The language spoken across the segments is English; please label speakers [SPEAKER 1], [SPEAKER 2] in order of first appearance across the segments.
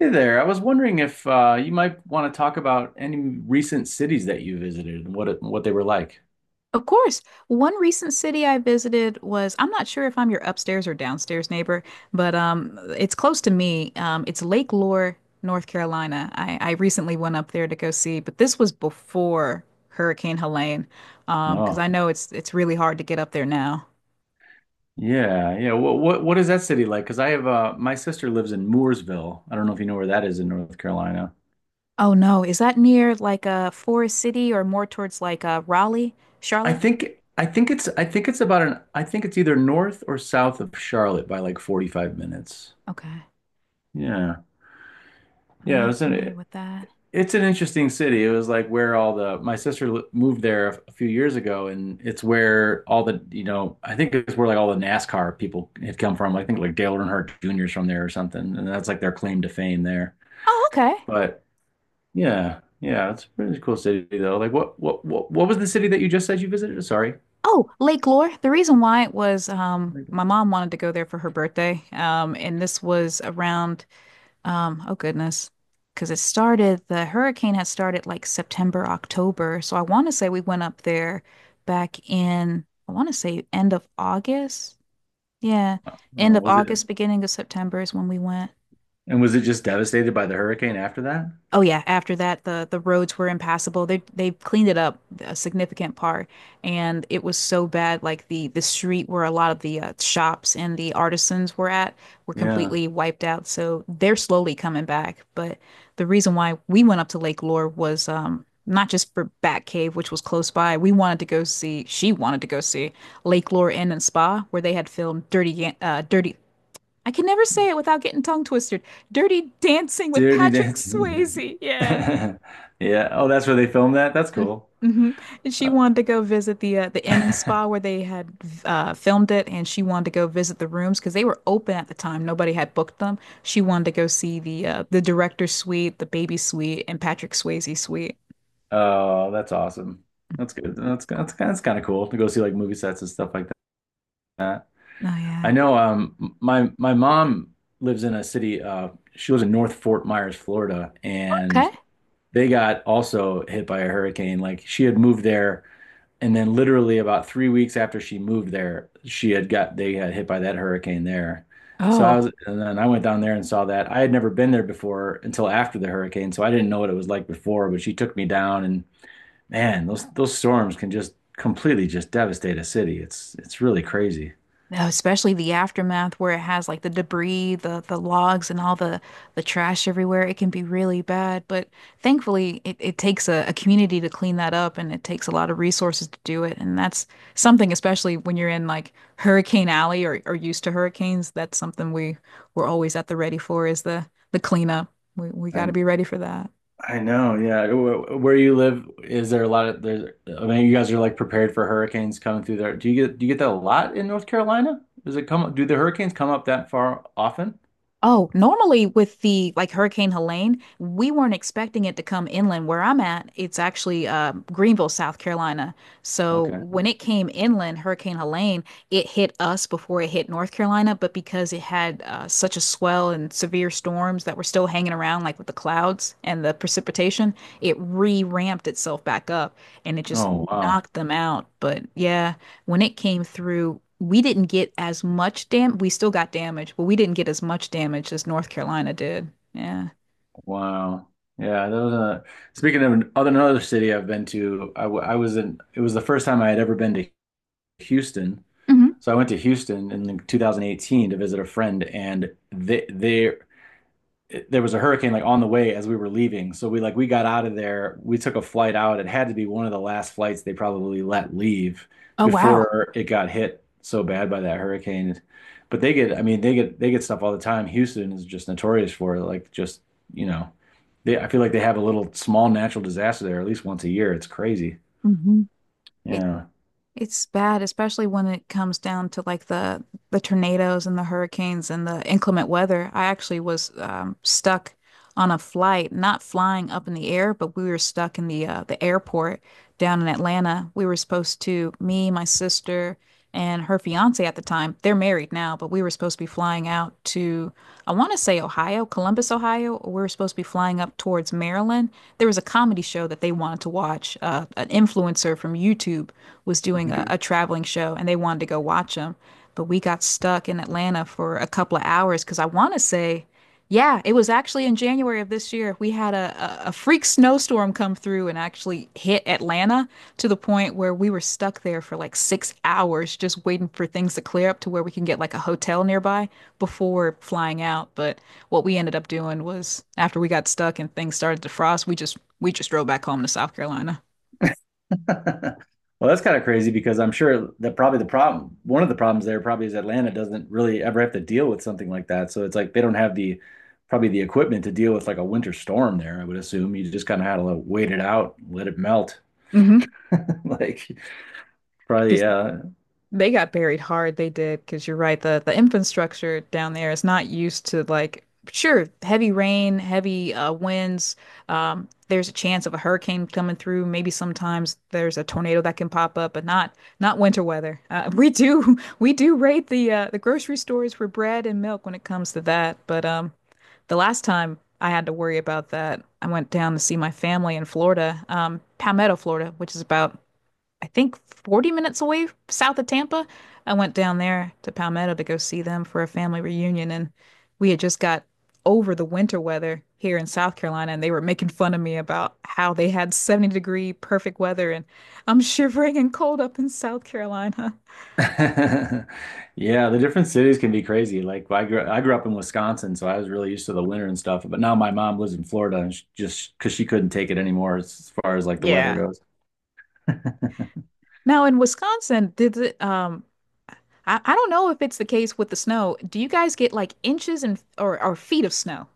[SPEAKER 1] Hey there. I was wondering if you might want to talk about any recent cities that you visited and what they were like.
[SPEAKER 2] Of course. One recent city I visited was, I'm not sure if I'm your upstairs or downstairs neighbor, but it's close to me. It's Lake Lore, North Carolina. I recently went up there to go see, but this was before Hurricane Helene, because
[SPEAKER 1] Oh,
[SPEAKER 2] I know it's really hard to get up there now.
[SPEAKER 1] yeah, yeah. What is that city like? Because I have my sister lives in Mooresville. I don't know if you know where that is in North Carolina.
[SPEAKER 2] Oh no, is that near like a Forest City or more towards like Raleigh, Charlotte?
[SPEAKER 1] I think it's about an I think it's either north or south of Charlotte by like 45 minutes.
[SPEAKER 2] Okay,
[SPEAKER 1] Yeah,
[SPEAKER 2] I'm
[SPEAKER 1] yeah.
[SPEAKER 2] not familiar with that.
[SPEAKER 1] It's an interesting city. It was like where all the my sister li- moved there a few years ago, and it's where all the I think it's where like all the NASCAR people had come from. I think like Dale Earnhardt Jr.'s from there or something, and that's like their claim to fame there.
[SPEAKER 2] Oh, okay.
[SPEAKER 1] But yeah, yeah, it's a pretty cool city though. Like what was the city that you just said you visited? Sorry,
[SPEAKER 2] Oh, Lake Lore. The reason why it was my
[SPEAKER 1] oh,
[SPEAKER 2] mom wanted to go there for her birthday. And this was around, oh goodness, because it started, the hurricane had started like September, October. So I want to say we went up there back in, I want to say end of August. Yeah. End
[SPEAKER 1] oh,
[SPEAKER 2] of
[SPEAKER 1] was it
[SPEAKER 2] August, beginning of September is when we went.
[SPEAKER 1] and was it just devastated by the hurricane after that?
[SPEAKER 2] Oh yeah, after that the roads were impassable. They cleaned it up a significant part, and it was so bad, like the street where a lot of the shops and the artisans were at were
[SPEAKER 1] Yeah,
[SPEAKER 2] completely wiped out. So they're slowly coming back, but the reason why we went up to Lake Lore was not just for Batcave, which was close by. We wanted to go see, she wanted to go see Lake Lore Inn and Spa where they had filmed Dirty, I can never say it without getting tongue twisted. Dirty Dancing with
[SPEAKER 1] Dirty
[SPEAKER 2] Patrick
[SPEAKER 1] Dancing.
[SPEAKER 2] Swayze. Yeah.
[SPEAKER 1] Yeah. Oh, that's where they filmed that. That's cool.
[SPEAKER 2] Hmm. And she
[SPEAKER 1] Uh,
[SPEAKER 2] wanted to go visit the inn and spa where they had filmed it, and she wanted to go visit the rooms because they were open at the time. Nobody had booked them. She wanted to go see the director's suite, the baby suite, and Patrick Swayze suite.
[SPEAKER 1] Oh, that's awesome. That's good. That's kind of cool to go see like movie sets and stuff like that.
[SPEAKER 2] Oh
[SPEAKER 1] I
[SPEAKER 2] yeah.
[SPEAKER 1] know my mom lives in a city she lives in North Fort Myers, Florida,
[SPEAKER 2] Okay.
[SPEAKER 1] and they got also hit by a hurricane. Like she had moved there and then literally about 3 weeks after she moved there, she had got they had hit by that hurricane there. So I was
[SPEAKER 2] Oh.
[SPEAKER 1] and then I went down there and saw that. I had never been there before until after the hurricane, so I didn't know what it was like before, but she took me down and man, those storms can just completely just devastate a city. It's really crazy.
[SPEAKER 2] No, especially the aftermath where it has like the debris, the logs, and all the trash everywhere. It can be really bad, but thankfully it takes a community to clean that up, and it takes a lot of resources to do it. And that's something, especially when you're in like Hurricane Alley or used to hurricanes, that's something we we're always at the ready for is the cleanup. We got to
[SPEAKER 1] I
[SPEAKER 2] be ready for that.
[SPEAKER 1] I know, yeah. Where you live, is there a lot of there's I mean, you guys are like prepared for hurricanes coming through there. Do you get that a lot in North Carolina? Does it come do the hurricanes come up that far often?
[SPEAKER 2] Oh, normally with the like Hurricane Helene, we weren't expecting it to come inland where I'm at. It's actually Greenville, South Carolina. So
[SPEAKER 1] Okay.
[SPEAKER 2] when it came inland, Hurricane Helene, it hit us before it hit North Carolina. But because it had such a swell and severe storms that were still hanging around, like with the clouds and the precipitation, it re-ramped itself back up, and it just
[SPEAKER 1] Oh, wow.
[SPEAKER 2] knocked them out. But yeah, when it came through, we didn't get as much dam. We still got damage, but we didn't get as much damage as North Carolina did. Yeah.
[SPEAKER 1] Wow. Yeah, that was a, speaking of another city I've been to, I, w- I was in it was the first time I had ever been to Houston.
[SPEAKER 2] Hmm.
[SPEAKER 1] So I went to Houston in 2018 to visit a friend, and they there was a hurricane like on the way as we were leaving. So we got out of there. We took a flight out. It had to be one of the last flights they probably let leave
[SPEAKER 2] Oh, wow.
[SPEAKER 1] before it got hit so bad by that hurricane. But I mean, they get stuff all the time. Houston is just notorious for it. Like just, you know, they I feel like they have a little small natural disaster there at least once a year. It's crazy.
[SPEAKER 2] Hmm. It
[SPEAKER 1] Yeah.
[SPEAKER 2] it's bad, especially when it comes down to like the tornadoes and the hurricanes and the inclement weather. I actually was stuck on a flight, not flying up in the air, but we were stuck in the airport down in Atlanta. We were supposed to, me, my sister and her fiance at the time, they're married now, but we were supposed to be flying out to, I want to say Ohio, Columbus, Ohio, or we were supposed to be flying up towards Maryland. There was a comedy show that they wanted to watch. An influencer from YouTube was doing
[SPEAKER 1] Okay.
[SPEAKER 2] a traveling show, and they wanted to go watch him. But we got stuck in Atlanta for a couple of hours because I want to say yeah, it was actually in January of this year. We had a freak snowstorm come through and actually hit Atlanta to the point where we were stuck there for like 6 hours just waiting for things to clear up to where we can get like a hotel nearby before flying out. But what we ended up doing was after we got stuck and things started to frost, we just drove back home to South Carolina.
[SPEAKER 1] Well, that's kind of crazy because I'm sure that one of the problems there probably is Atlanta doesn't really ever have to deal with something like that. So it's like they don't have the probably the equipment to deal with like a winter storm there, I would assume. You just kind of had to like, wait it out, let it melt.
[SPEAKER 2] Mm-hmm.
[SPEAKER 1] Like probably
[SPEAKER 2] They got buried hard, they did, because you're right, the infrastructure down there is not used to like sure, heavy rain, heavy winds. There's a chance of a hurricane coming through. Maybe sometimes there's a tornado that can pop up, but not not winter weather. We do we do raid the grocery stores for bread and milk when it comes to that. But the last time I had to worry about that, I went down to see my family in Florida, Palmetto, Florida, which is about I think 40 minutes away south of Tampa. I went down there to Palmetto to go see them for a family reunion, and we had just got over the winter weather here in South Carolina, and they were making fun of me about how they had 70-degree perfect weather, and I'm shivering and cold up in South Carolina.
[SPEAKER 1] yeah, the different cities can be crazy. Like I grew up in Wisconsin, so I was really used to the winter and stuff, but now my mom lives in Florida just because she couldn't take it anymore as far as like the weather
[SPEAKER 2] Yeah.
[SPEAKER 1] goes.
[SPEAKER 2] Now in Wisconsin, did it, I don't know if it's the case with the snow. Do you guys get like inches and or feet of snow?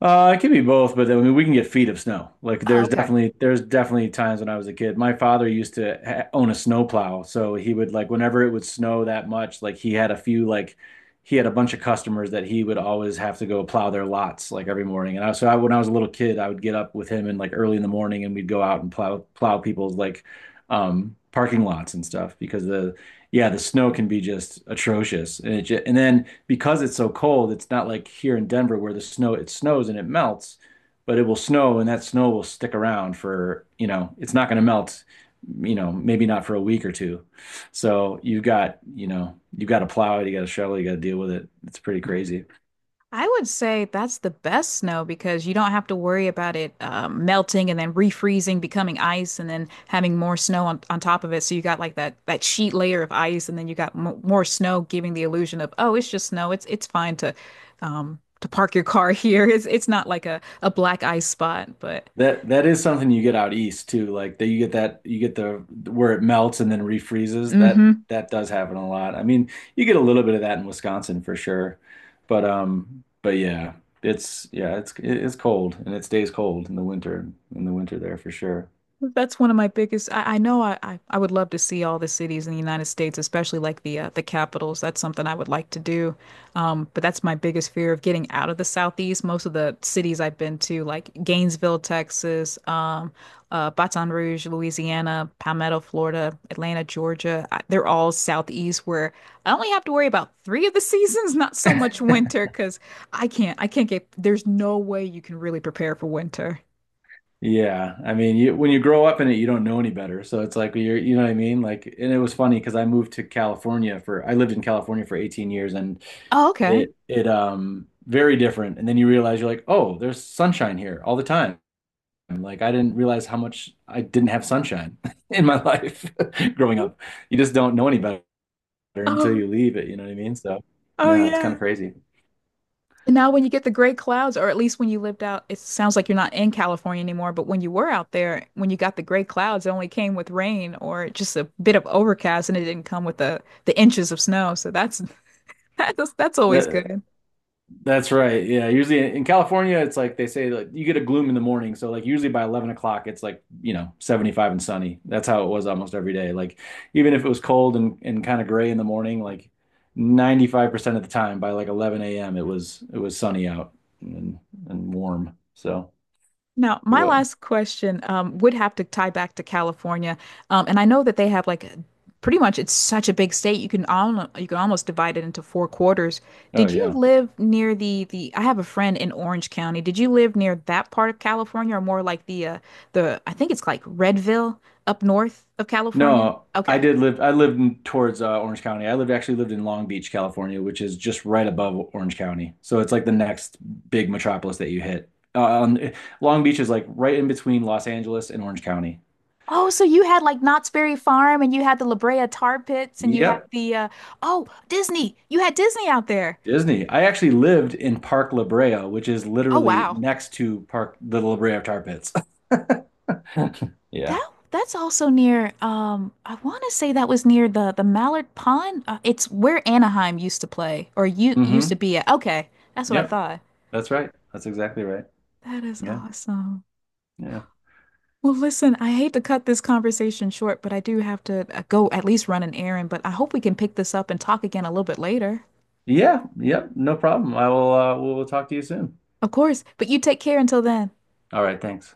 [SPEAKER 1] It could be both, but then we can get feet of snow. Like
[SPEAKER 2] Oh,
[SPEAKER 1] there's
[SPEAKER 2] okay.
[SPEAKER 1] definitely there's definitely times when I was a kid. My father used to ha own a snowplow, so he would like whenever it would snow that much, like he had a bunch of customers that he would always have to go plow their lots like every morning. And I, when I was a little kid, I would get up with him and like early in the morning, and we'd go out and plow people's like parking lots and stuff because the snow can be just atrocious and then because it's so cold, it's not like here in Denver where the snow it snows and it melts, but it will snow and that snow will stick around for, you know, it's not going to melt, you know, maybe not for a week or two. So you've got, you know, you've got to plow it, you got to shovel, you got to deal with it. It's pretty crazy.
[SPEAKER 2] I would say that's the best snow because you don't have to worry about it melting and then refreezing, becoming ice, and then having more snow on top of it. So you got like that that sheet layer of ice, and then you got m more snow, giving the illusion of oh, it's just snow. It's fine to park your car here. It's not like a black ice spot, but
[SPEAKER 1] That is something you get out east too. Like that you get the where it melts and then refreezes. That
[SPEAKER 2] mm-hmm.
[SPEAKER 1] that does happen a lot. I mean, you get a little bit of that in Wisconsin for sure. But yeah, it's cold and it stays cold in the winter there for sure.
[SPEAKER 2] That's one of my biggest. I know I would love to see all the cities in the United States, especially like the capitals. That's something I would like to do. But that's my biggest fear of getting out of the Southeast. Most of the cities I've been to, like Gainesville, Texas, Baton Rouge, Louisiana, Palmetto, Florida, Atlanta, Georgia, I, they're all Southeast where I only have to worry about three of the seasons, not so much winter, because I can't get. There's no way you can really prepare for winter.
[SPEAKER 1] Yeah, I mean, you when you grow up in it, you don't know any better. So it's like you're, you know what I mean? Like, and it was funny because I lived in California for 18 years, and
[SPEAKER 2] Oh, okay.
[SPEAKER 1] it very different. And then you realize you're like, oh, there's sunshine here all the time. Like I didn't realize how much I didn't have sunshine in my life growing up. You just don't know any better until you leave it. You know what I mean? So
[SPEAKER 2] Oh
[SPEAKER 1] yeah, it's kind
[SPEAKER 2] yeah.
[SPEAKER 1] of crazy.
[SPEAKER 2] And now when you get the great clouds, or at least when you lived out, it sounds like you're not in California anymore, but when you were out there, when you got the great clouds, it only came with rain or just a bit of overcast, and it didn't come with the inches of snow. So that's that's always good.
[SPEAKER 1] That's right. Yeah. Usually in California, it's like they say like you get a gloom in the morning. So like usually by 11 o'clock, it's like, you know, 75 and sunny. That's how it was almost every day. Like even if it was cold and kind of gray in the morning, like 95% of the time by like 11 a.m. It was sunny out and and warm. So
[SPEAKER 2] Now,
[SPEAKER 1] it
[SPEAKER 2] my
[SPEAKER 1] was,
[SPEAKER 2] last question would have to tie back to California, and I know that they have like a- pretty much it's such a big state you can al you can almost divide it into four quarters.
[SPEAKER 1] oh
[SPEAKER 2] Did you
[SPEAKER 1] yeah.
[SPEAKER 2] live near the the? I have a friend in Orange County. Did you live near that part of California, or more like the I think it's like Redville up north of California?
[SPEAKER 1] No, I
[SPEAKER 2] Okay.
[SPEAKER 1] did live. I lived in, towards Orange County. I lived actually lived in Long Beach, California, which is just right above Orange County. So it's like the next big metropolis that you hit. Long Beach is like right in between Los Angeles and Orange County.
[SPEAKER 2] Oh, so you had like Knott's Berry Farm, and you had the La Brea Tar Pits, and you had
[SPEAKER 1] Yep,
[SPEAKER 2] the oh Disney. You had Disney out there.
[SPEAKER 1] Disney. I actually lived in Park La Brea, which is
[SPEAKER 2] Oh
[SPEAKER 1] literally
[SPEAKER 2] wow.
[SPEAKER 1] next to Park the La Brea Tar Pits. Yeah.
[SPEAKER 2] That that's also near I want to say that was near the Mallard Pond. It's where Anaheim used to play or you used to
[SPEAKER 1] Mm-hmm.
[SPEAKER 2] be at. Okay, that's what I
[SPEAKER 1] Yep.
[SPEAKER 2] thought.
[SPEAKER 1] That's right. That's exactly right.
[SPEAKER 2] That is
[SPEAKER 1] Yeah.
[SPEAKER 2] awesome.
[SPEAKER 1] Yeah.
[SPEAKER 2] Well, listen, I hate to cut this conversation short, but I do have to go at least run an errand, but I hope we can pick this up and talk again a little bit later.
[SPEAKER 1] Yeah. Yep. No problem. I will. We'll talk to you soon.
[SPEAKER 2] Of course, but you take care until then.
[SPEAKER 1] All right. Thanks.